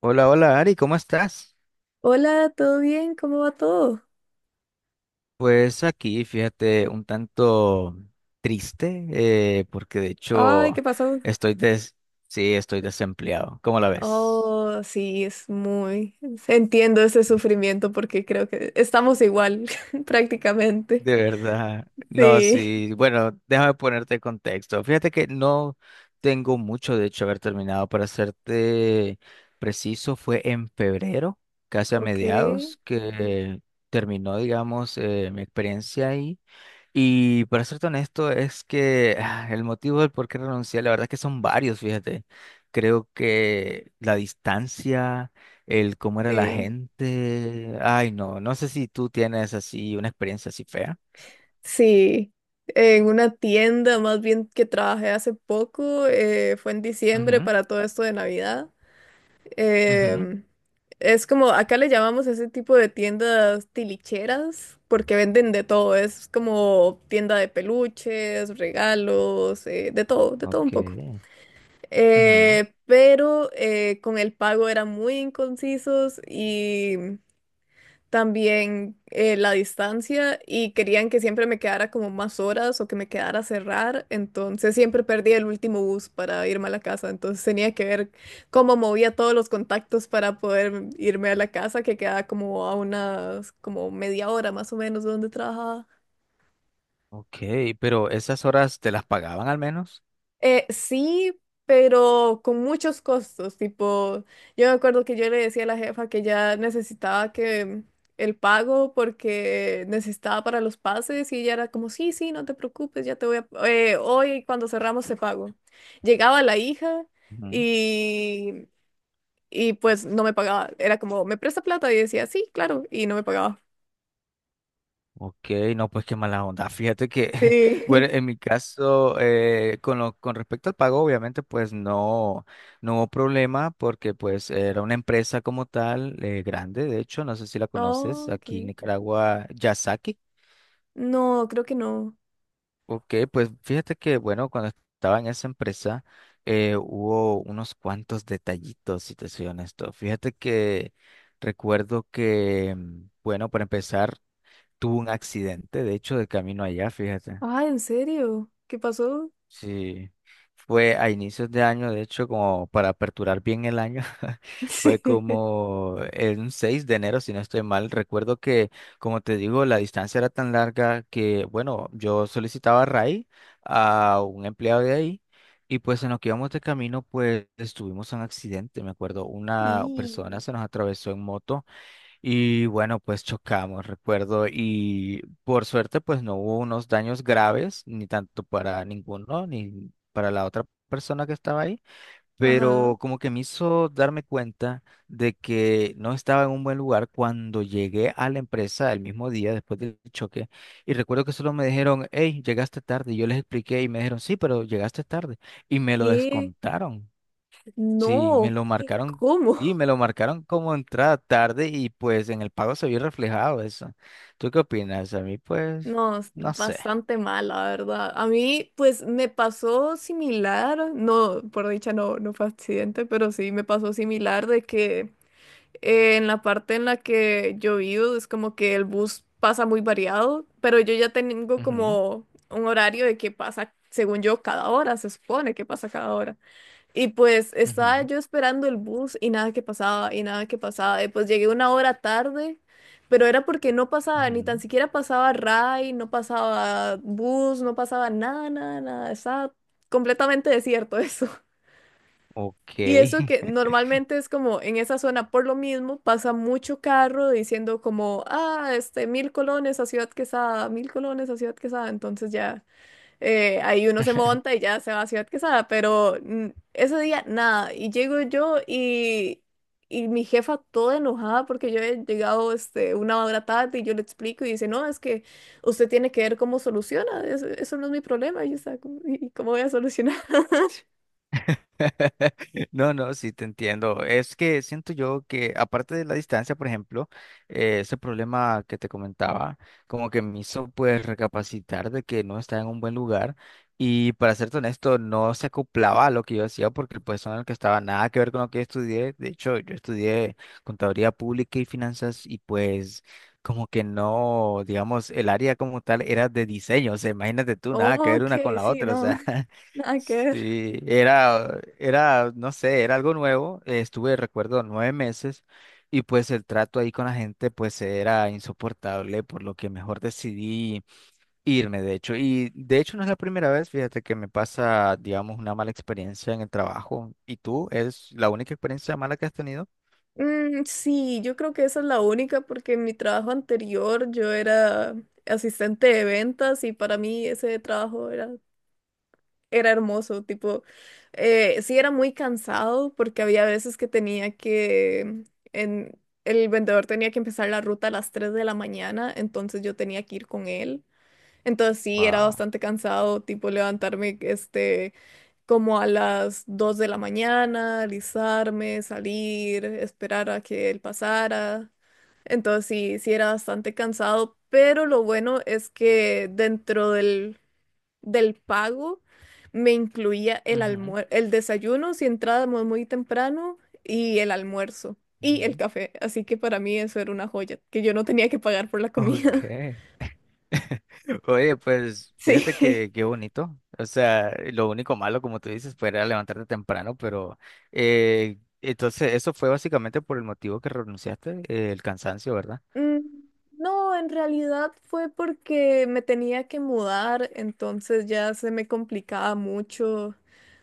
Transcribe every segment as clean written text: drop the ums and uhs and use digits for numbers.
Hola, hola Ari, ¿cómo estás? Hola, ¿todo bien? ¿Cómo va todo? Pues aquí, fíjate, un tanto triste, porque de Ay, hecho ¿qué pasó? estoy des sí, estoy desempleado. ¿Cómo la ves? Oh, sí, es muy... Entiendo ese sufrimiento porque creo que estamos igual prácticamente. De verdad. No, Sí, sí. Bueno, déjame ponerte en contexto. Fíjate que no tengo mucho, de hecho, haber terminado. Para serte preciso, fue en febrero, casi a ok, mediados, que terminó, digamos, mi experiencia. Y para serte honesto, es que el motivo del por qué renuncié, la verdad es que son varios, fíjate. Creo que la distancia, el cómo era la sí. gente, ay no, no sé si tú tienes así una experiencia así fea. Sí, en una tienda más bien que trabajé hace poco, fue en diciembre Ujú, para todo esto de Navidad. ujú, Em, es como, acá le llamamos ese tipo de tiendas tilicheras, porque venden de todo, es como tienda de peluches, regalos, de todo un ok, poco. ujú. Pero con el pago eran muy inconcisos y también la distancia y querían que siempre me quedara como más horas o que me quedara a cerrar, entonces siempre perdí el último bus para irme a la casa, entonces tenía que ver cómo movía todos los contactos para poder irme a la casa, que quedaba como a unas como media hora más o menos de donde trabajaba. Ok, pero esas horas te las pagaban al menos. Sí, pero con muchos costos, tipo, yo me acuerdo que yo le decía a la jefa que ya necesitaba que el pago porque necesitaba para los pases y ella era como, sí, sí, no te preocupes, ya te voy a, hoy cuando cerramos te pago. Llegaba la hija y, y pues no me pagaba, era como, ¿me presta plata? Y decía, sí, claro, y no me pagaba. Ok, no, pues qué mala onda. Fíjate que, bueno, Sí. en mi caso, con lo, con respecto al pago, obviamente, pues no, no hubo problema porque pues era una empresa como tal, grande, de hecho, no sé si la conoces, Oh, ok. aquí en Nicaragua, Yasaki. No, creo que no. Ok, pues fíjate que, bueno, cuando estaba en esa empresa, hubo unos cuantos detallitos, si te soy honesto. Fíjate que recuerdo que, bueno, para empezar, tuve un accidente, de hecho, de camino allá, fíjate. Ah, ¿en serio? ¿Qué pasó? Sí, fue a inicios de año, de hecho, como para aperturar bien el año, fue como el 6 de enero, si no estoy mal. Recuerdo que, como te digo, la distancia era tan larga que, bueno, yo solicitaba a RAI, a un empleado de ahí, y pues en lo que íbamos de camino, pues tuvimos un accidente, me acuerdo, una Y, persona se nos atravesó en moto y bueno, pues chocamos, recuerdo, y por suerte pues no hubo unos daños graves, ni tanto para ninguno, ni para la otra persona que estaba ahí, ajá. pero como que me hizo darme cuenta de que no estaba en un buen lugar cuando llegué a la empresa el mismo día después del choque, y recuerdo que solo me dijeron, hey, llegaste tarde, y yo les expliqué y me dijeron, sí, pero llegaste tarde, y me lo ¿Qué? descontaron. Sí, me No. lo marcaron, ¿Cómo? y me lo marcaron como entrada tarde y pues en el pago se vio reflejado eso. ¿Tú qué opinas? A mí pues, No, es no sé. bastante mal, la verdad. A mí, pues, me pasó similar. No, por dicha no, no fue accidente, pero sí me pasó similar de que en la parte en la que yo vivo es como que el bus pasa muy variado, pero yo ya tengo Ujú, como un horario de que pasa, según yo, cada hora, se supone que pasa cada hora. Y pues estaba ujú, yo esperando el bus y nada que pasaba, y nada que pasaba. Y pues llegué una hora tarde, pero era porque no pasaba, ni tan ujú. siquiera pasaba RAI, no pasaba bus, no pasaba nada, nada, nada. Estaba completamente desierto eso. Ok. Y eso que normalmente es como en esa zona, por lo mismo, pasa mucho carro diciendo como, ah, este, mil colones a Ciudad Quesada, mil colones a Ciudad Quesada. Entonces ya ahí uno se monta y ya se va a Ciudad Quesada, pero ese día nada. Y llego yo y mi jefa toda enojada porque yo he llegado este, una hora tarde y yo le explico y dice, no, es que usted tiene que ver cómo soluciona, eso no es mi problema. Y yo estaba como, "¿Y cómo voy a solucionar? No, no, sí te entiendo. Es que siento yo que aparte de la distancia, por ejemplo, ese problema que te comentaba, como que me hizo pues recapacitar de que no estaba en un buen lugar y para serte honesto, no se acoplaba a lo que yo hacía porque el puesto en el que estaba nada que ver con lo que estudié. De hecho, yo estudié contaduría pública y finanzas y pues como que no, digamos, el área como tal era de diseño. O sea, imagínate tú, nada que ver Ok, una con la sí, otra, o no, sea. nada que ver. Sí, no sé, era algo nuevo. Estuve, recuerdo, 9 meses y pues el trato ahí con la gente pues era insoportable, por lo que mejor decidí irme, de hecho. Y de hecho no es la primera vez, fíjate que me pasa, digamos, una mala experiencia en el trabajo. ¿Y tú? ¿Es la única experiencia mala que has tenido? Sí, yo creo que esa es la única porque en mi trabajo anterior yo era asistente de ventas y para mí ese trabajo era era hermoso, tipo, sí era muy cansado porque había veces que tenía que, en, el vendedor tenía que empezar la ruta a las 3 de la mañana, entonces yo tenía que ir con él. Entonces sí, era Wow. bastante cansado, tipo levantarme, este, como a las 2 de la mañana, alisarme, salir, esperar a que él pasara. Entonces sí, sí era bastante cansado, pero lo bueno es que dentro del pago me incluía el Ujú, almuer- el desayuno si entrábamos muy temprano y el almuerzo y el ujú. café. Así que para mí eso era una joya, que yo no tenía que pagar por la Ok. comida. Oye, pues fíjate Sí. que qué bonito. O sea, lo único malo, como tú dices, fue era levantarte temprano, pero entonces eso fue básicamente por el motivo que renunciaste, el cansancio, ¿verdad? Mm, No, en realidad fue porque me tenía que mudar, entonces ya se me complicaba mucho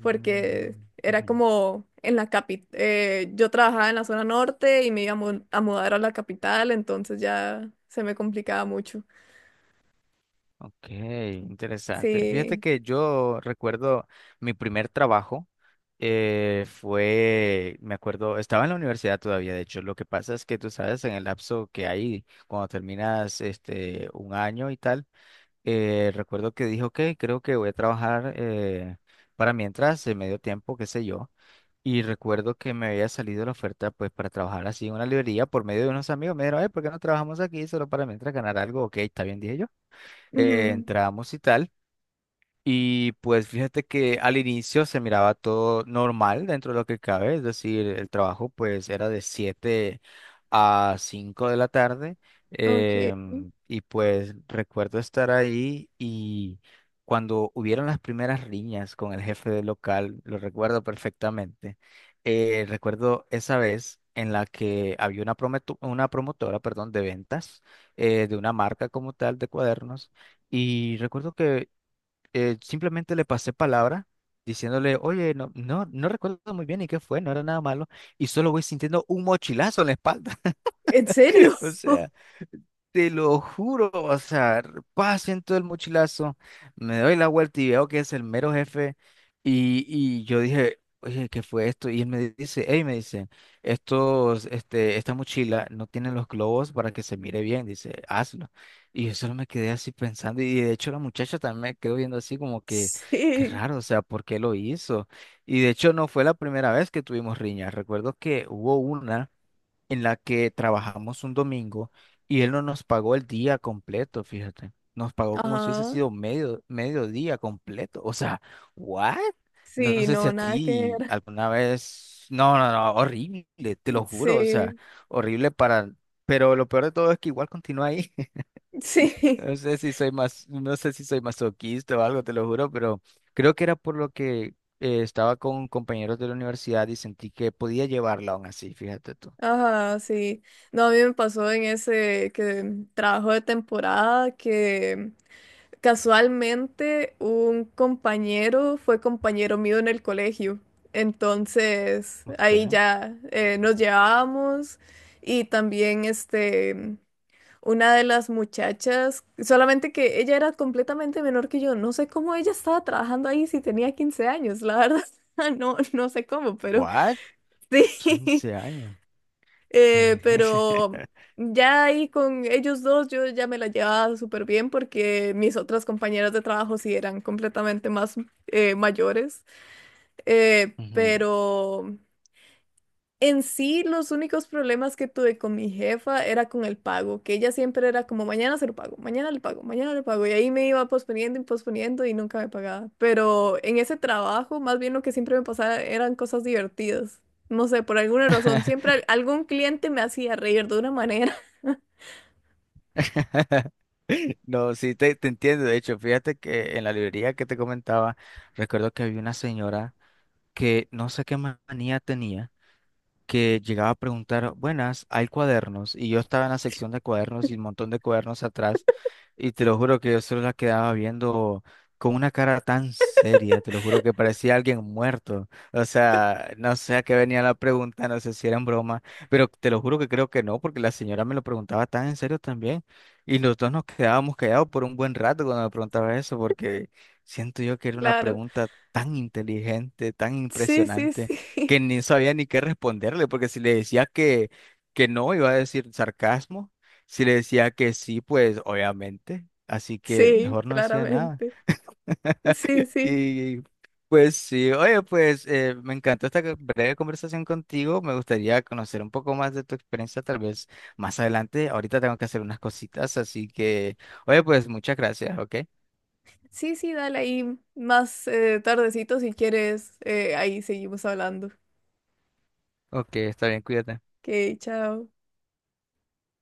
porque era Ujú. como en la capital. Yo trabajaba en la zona norte y me iba a, mu- a mudar a la capital, entonces ya se me complicaba mucho. Ok, interesante. Fíjate Sí. que yo recuerdo mi primer trabajo fue, me acuerdo, estaba en la universidad todavía, de hecho. Lo que pasa es que tú sabes, en el lapso que hay cuando terminas este un año y tal recuerdo que dijo que creo que voy a trabajar para mientras, de medio tiempo, qué sé yo. Y recuerdo que me había salido la oferta pues para trabajar así en una librería por medio de unos amigos. Me dijeron, ¿por qué no trabajamos aquí solo para mientras ganar algo? Ok, está bien, dije yo. Ujú. Entramos y tal. Y pues fíjate que al inicio se miraba todo normal dentro de lo que cabe, es decir, el trabajo pues era de 7 a 5 de la tarde, Ok. Y pues recuerdo estar ahí y cuando hubieron las primeras riñas con el jefe del local, lo recuerdo perfectamente, recuerdo esa vez en la que había una, una promotora, perdón, de ventas, de una marca como tal de cuadernos. Y recuerdo que simplemente le pasé palabra diciéndole, oye, no recuerdo muy bien y qué fue, no era nada malo, y solo voy sintiendo un mochilazo en la espalda. ¿En serio? O sea, te lo juro, o sea, paso en todo el mochilazo, me doy la vuelta y veo que es el mero jefe. Y yo dije, oye, ¿qué fue esto? Y él me dice, hey, me dice, esta mochila no tiene los globos para que se mire bien, dice, hazlo. Y yo solo me quedé así pensando, y de hecho la muchacha también me quedó viendo así como que, qué Sí. raro, o sea, ¿por qué lo hizo? Y de hecho no fue la primera vez que tuvimos riñas, recuerdo que hubo una en la que trabajamos un domingo y él no nos pagó el día completo, fíjate. Nos pagó como si hubiese Ajá. sido medio día completo. O sea, ¿what? No Sí, sé si no, a nada que ti ver. alguna vez... No, no, no, horrible, te lo juro. O sea, Sí. horrible para... Pero lo peor de todo es que igual continúa ahí. Sí. No sé si soy más, no sé si soy masoquista o algo, te lo juro, pero creo que era por lo que estaba con compañeros de la universidad y sentí que podía llevarla aún así, fíjate tú. Ajá, sí. No, a mí me pasó en ese que trabajo de temporada que casualmente un compañero fue compañero mío en el colegio. Entonces, ahí Ok. ya nos llevábamos y también este una de las muchachas, solamente que ella era completamente menor que yo. No sé cómo ella estaba trabajando ahí si tenía 15 años, la verdad. No, no sé cómo, pero ¿What? sí. 15 años. ¿Qué? pero ya ahí con ellos dos yo ya me la llevaba súper bien porque mis otras compañeras de trabajo sí eran completamente más mayores. Ujú. Pero... En sí, los únicos problemas que tuve con mi jefa era con el pago, que ella siempre era como mañana se lo pago, mañana le pago, mañana le pago, y ahí me iba posponiendo y posponiendo y nunca me pagaba. Pero en ese trabajo, más bien lo que siempre me pasaba eran cosas divertidas. No sé, por alguna razón, siempre al- algún cliente me hacía reír de una manera, No, sí, te entiendo. De hecho, fíjate que en la librería que te comentaba, recuerdo que había una señora que no sé qué manía tenía, que llegaba a preguntar, buenas, hay cuadernos. Y yo estaba en la sección de cuadernos y un montón de cuadernos atrás. Y te lo juro que yo solo la quedaba viendo con una cara tan seria, te lo juro que parecía alguien muerto. O sea, no sé a qué venía la pregunta, no sé si era en broma, pero te lo juro que creo que no, porque la señora me lo preguntaba tan en serio también. Y nosotros nos quedábamos callados por un buen rato cuando me preguntaba eso, porque siento yo que era una claro. pregunta tan inteligente, tan Sí, sí, impresionante que sí, ni sabía ni qué responderle, porque si le decía que no, iba a decir sarcasmo, si le decía que sí, pues obviamente, así que sí, mejor no decía nada. claramente. Sí, sí. Y pues sí, oye, pues me encantó esta breve conversación contigo, me gustaría conocer un poco más de tu experiencia, tal vez más adelante, ahorita tengo que hacer unas cositas, así que, oye, pues muchas gracias, ¿ok? Sí, sí, dale ahí más tardecito si quieres, ahí seguimos hablando. Ok, está bien, cuídate. Ok, chao.